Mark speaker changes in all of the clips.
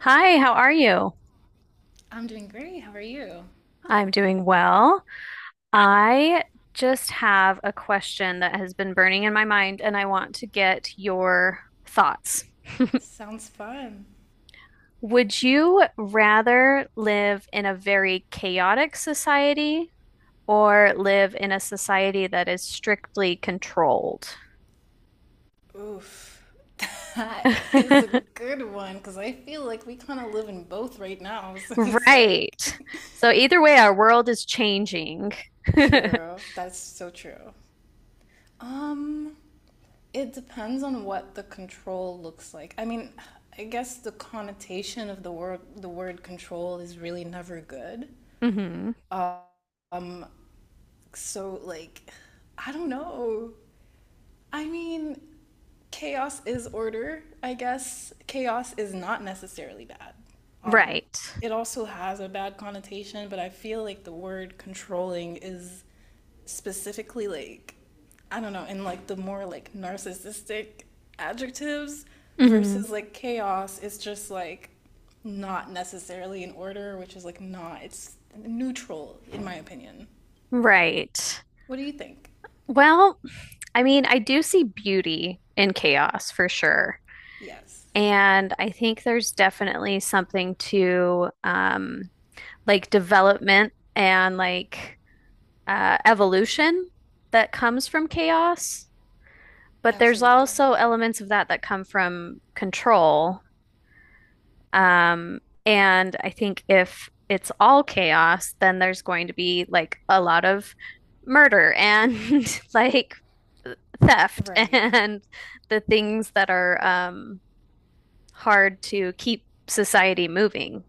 Speaker 1: Hi, how are you?
Speaker 2: I'm doing great. How are you?
Speaker 1: I'm doing well. I just have a question that has been burning in my mind, and I want to get your thoughts.
Speaker 2: Sounds fun.
Speaker 1: Would you rather live in a very chaotic society or live in a society that is strictly controlled?
Speaker 2: Oof. That is a good one because I feel like we kind of live in both right now. So it's like,
Speaker 1: Right. So either way, our world is changing.
Speaker 2: true. That's so true. Um, it depends on what the control looks like. I mean, I guess the connotation of the word control is really never good.
Speaker 1: hmm
Speaker 2: Um, so like, I don't know. I mean, chaos is order, I guess. Chaos is not necessarily bad. Um,
Speaker 1: Right.
Speaker 2: it also has a bad connotation, but I feel like the word controlling is specifically like, I don't know, in like the more like narcissistic adjectives
Speaker 1: hmm
Speaker 2: versus like chaos is just like not necessarily in order, which is like not, it's neutral in my opinion.
Speaker 1: Right.
Speaker 2: What do you think?
Speaker 1: Well, I mean, I do see beauty in chaos for sure.
Speaker 2: Yes,
Speaker 1: And I think there's definitely something to like development and like evolution that comes from chaos. But there's
Speaker 2: absolutely.
Speaker 1: also elements of that that come from control. Um, and I think if it's all chaos, then there's going to be like a lot of murder and like theft
Speaker 2: Right.
Speaker 1: and the things that are hard to keep society moving.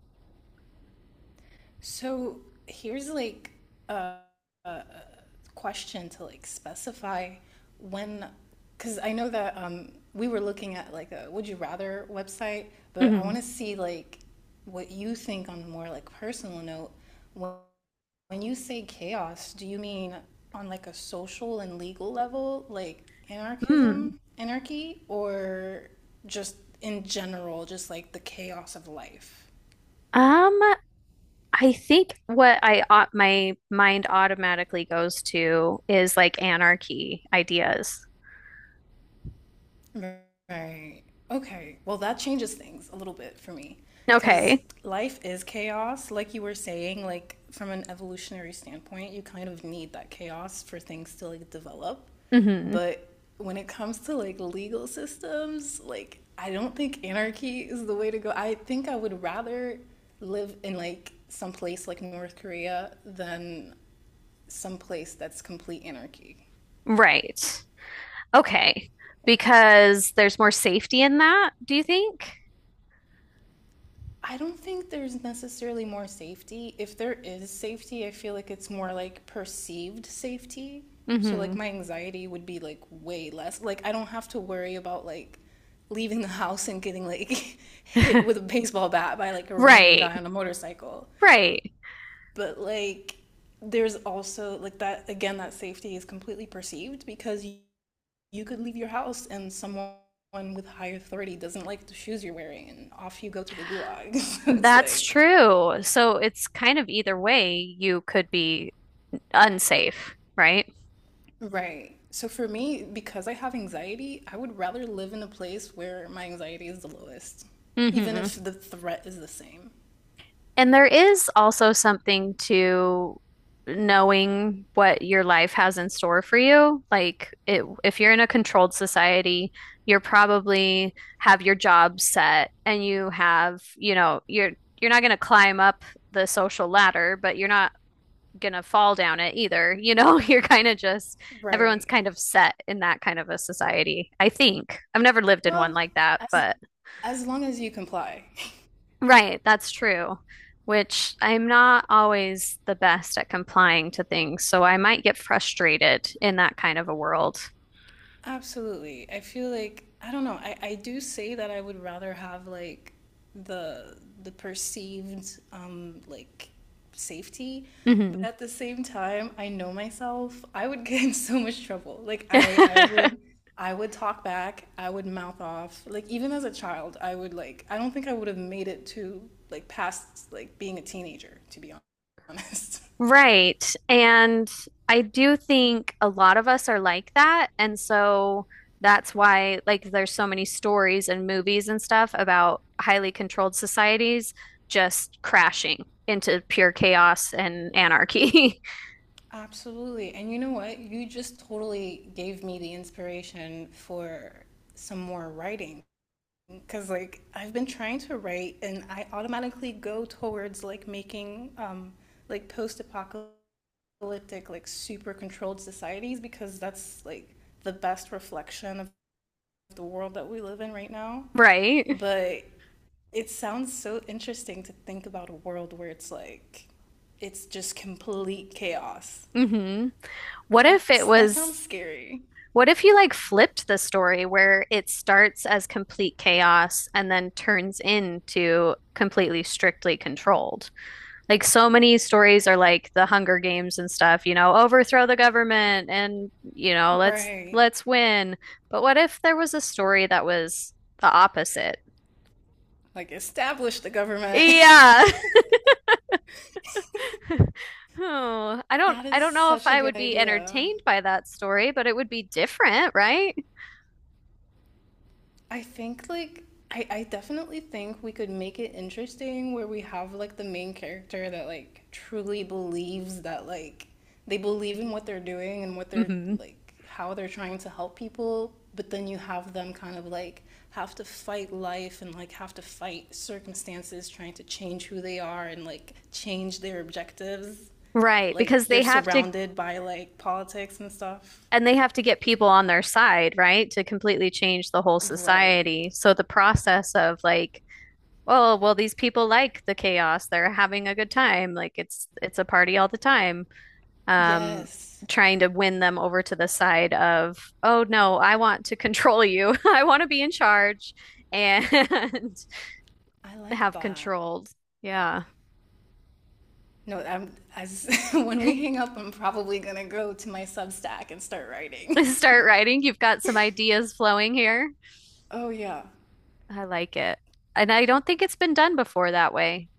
Speaker 2: So here's like a question to like specify when, because I know that we were looking at like a would you rather website, but I want
Speaker 1: Mhm.
Speaker 2: to see like what you think on a more like personal note. When, when you say chaos, do you mean on like a social and legal level, like
Speaker 1: Hmm.
Speaker 2: anarchism, anarchy, or just in general, just like the chaos of life?
Speaker 1: Um, I think what my mind automatically goes to is like anarchy ideas.
Speaker 2: Right. Okay. Well, that changes things a little bit for me because
Speaker 1: Okay.
Speaker 2: life is chaos. Like you were saying, like from an evolutionary standpoint, you kind of need that chaos for things to like develop.
Speaker 1: hmm
Speaker 2: But when it comes to like legal systems, like I don't think anarchy is the way to go. I think I would rather live in like some place like North Korea than some place that's complete anarchy.
Speaker 1: Right. Okay. Because there's more safety in that, do you think?
Speaker 2: I don't think there's necessarily more safety. If there is safety, I feel like it's more like perceived safety. So like
Speaker 1: Mhm.
Speaker 2: my anxiety would be like way less. Like I don't have to worry about like leaving the house and getting like hit with a baseball bat by like a random
Speaker 1: Right.
Speaker 2: guy on a motorcycle.
Speaker 1: Right.
Speaker 2: But like there's also like that again that safety is completely perceived because you could leave your house and someone with higher authority doesn't like the shoes you're wearing and off you go to the gulag. So it's
Speaker 1: That's
Speaker 2: like
Speaker 1: true. So it's kind of either way, you could be unsafe, right?
Speaker 2: right. So for me, because I have anxiety, I would rather live in a place where my anxiety is the lowest, even
Speaker 1: hmm
Speaker 2: if the threat is the same.
Speaker 1: And there is also something to knowing what your life has in store for you. If you're in a controlled society, you're probably have your job set and you have, you know, you're not going to climb up the social ladder, but you're not gonna fall down it either. You know, you're kind of just everyone's
Speaker 2: Right.
Speaker 1: kind of set in that kind of a society. I think I've never lived in one
Speaker 2: Well,
Speaker 1: like that,
Speaker 2: as
Speaker 1: but
Speaker 2: as long as you comply.
Speaker 1: right, that's true. Which I'm not always the best at complying to things, so I might get frustrated in that kind of a world.
Speaker 2: Absolutely. I feel like I don't know. I do say that I would rather have like the the perceived like safety, but
Speaker 1: Hmm
Speaker 2: at the same time, I know myself. I would get in so much trouble. Like I would I would talk back. I would mouth off. Like even as a child, I would like I don't think I would have made it to like past like being a teenager, to be honest.
Speaker 1: Right. And I do think a lot of us are like that. And so that's why, like, there's so many stories and movies and stuff about highly controlled societies just crashing into pure chaos and anarchy.
Speaker 2: Absolutely. And you know what? You just totally gave me the inspiration for some more writing because like I've been trying to write and I automatically go towards like making like post-apocalyptic like super controlled societies because that's like the best reflection of the world that we live in right now.
Speaker 1: Right.
Speaker 2: But it sounds so interesting to think about a world where it's like it's just complete chaos.
Speaker 1: hmm What if it
Speaker 2: That's that sounds
Speaker 1: was,
Speaker 2: scary.
Speaker 1: what if you like flipped the story where it starts as complete chaos and then turns into completely strictly controlled? Like so many stories are like the Hunger Games and stuff, you know, overthrow the government and, you know,
Speaker 2: Right.
Speaker 1: let's win. But what if there was a story that was the opposite?
Speaker 2: Like establish the government.
Speaker 1: Yeah. Oh,
Speaker 2: That
Speaker 1: I
Speaker 2: is
Speaker 1: don't know if
Speaker 2: such a
Speaker 1: I
Speaker 2: good
Speaker 1: would be
Speaker 2: idea.
Speaker 1: entertained by that story, but it would be different, right?
Speaker 2: I think like I definitely think we could make it interesting where we have like the main character that like truly believes that like they believe in what they're doing and what they're
Speaker 1: hmm
Speaker 2: like how they're trying to help people, but then you have them kind of like have to fight life and like have to fight circumstances trying to change who they are and like change their objectives.
Speaker 1: Right,
Speaker 2: Like
Speaker 1: because
Speaker 2: they're
Speaker 1: they have to,
Speaker 2: surrounded by like politics and stuff.
Speaker 1: and they have to get people on their side, right, to completely change the whole
Speaker 2: Right.
Speaker 1: society. So the process of like, oh, well, these people like the chaos. They're having a good time. Like it's a party all the time. Um,
Speaker 2: Yes.
Speaker 1: Trying to win them over to the side of, oh no, I want to control you. I want to be in charge and
Speaker 2: I like
Speaker 1: have
Speaker 2: that.
Speaker 1: controlled. Yeah.
Speaker 2: No, I'm, as when we hang up, I'm probably gonna go to my Substack and start writing.
Speaker 1: Start writing. You've got some ideas flowing here.
Speaker 2: Oh yeah,
Speaker 1: I like it. And I don't think it's been done before that way.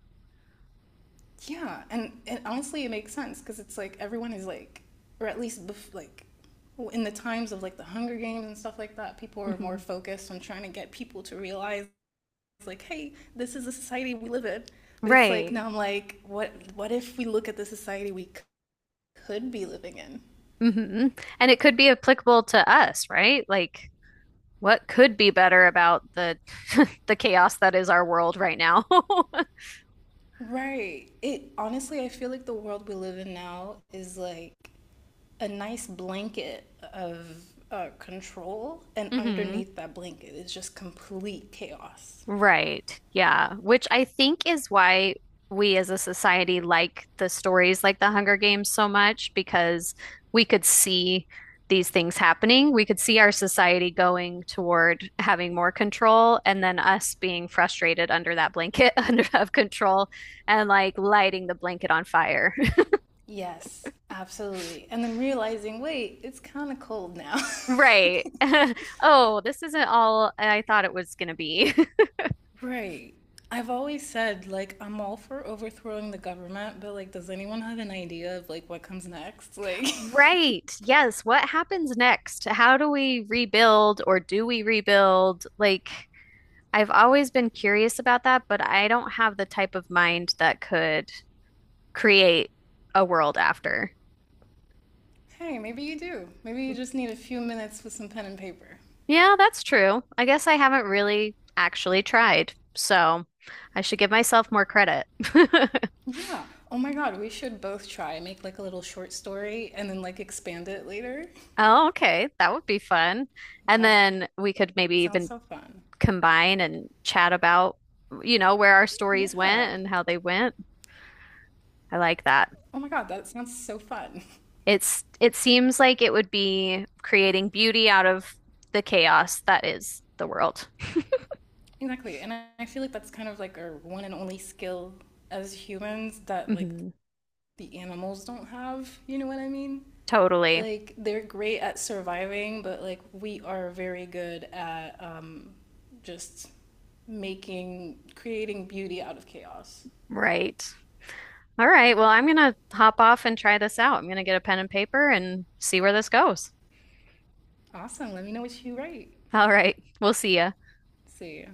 Speaker 2: yeah, and honestly, it makes sense because it's like everyone is like, or at least like, in the times of like the Hunger Games and stuff like that, people are more
Speaker 1: Hmm
Speaker 2: focused on trying to get people to realize like, hey, this is the society we live in. But it's like
Speaker 1: Right.
Speaker 2: now I'm like, what if we look at the society could be living in?
Speaker 1: hmm And it could be applicable to us, right? Like what could be better about the the chaos that is our world right now?
Speaker 2: Right. It honestly, I feel like the world we live in now is like a nice blanket of control, and
Speaker 1: hmm
Speaker 2: underneath that blanket is just complete chaos.
Speaker 1: Right. Yeah. Which I think is why we as a society like the stories like The Hunger Games so much because we could see these things happening. We could see our society going toward having more control and then us being frustrated under that blanket under of control and like lighting the blanket on fire.
Speaker 2: Yes, absolutely. And then realizing, wait, it's kind of cold now.
Speaker 1: Right. Oh, this isn't all I thought it was going to be.
Speaker 2: Right. I've always said, like, I'm all for overthrowing the government, but, like, does anyone have an idea of, like, what comes next? Like,
Speaker 1: Right. Yes. What happens next? How do we rebuild or do we rebuild? Like, I've always been curious about that, but I don't have the type of mind that could create a world after.
Speaker 2: hey, maybe you do. Maybe you just need a few minutes with some pen and paper.
Speaker 1: Yeah, that's true. I guess I haven't really actually tried. So I should give myself more credit.
Speaker 2: Yeah. Oh my God, we should both try. Make, like, a little short story and then, like, expand it later.
Speaker 1: Oh, okay. That would be fun. And
Speaker 2: That
Speaker 1: then we could maybe
Speaker 2: sounds
Speaker 1: even
Speaker 2: so fun.
Speaker 1: combine and chat about, you know, where our stories
Speaker 2: Yeah.
Speaker 1: went and how they went. I like that.
Speaker 2: Oh my God, that sounds so fun.
Speaker 1: It seems like it would be creating beauty out of the chaos that is the world.
Speaker 2: Exactly. And I feel like that's kind of like our one and only skill as humans that like
Speaker 1: Mhm.
Speaker 2: the animals don't have. You know what I mean?
Speaker 1: Totally.
Speaker 2: Like they're great at surviving, but like we are very good at just making, creating beauty out of chaos.
Speaker 1: Right. All right. Well, I'm gonna hop off and try this out. I'm gonna get a pen and paper and see where this goes.
Speaker 2: Awesome. Let me know what you write.
Speaker 1: All right. We'll see ya.
Speaker 2: See ya.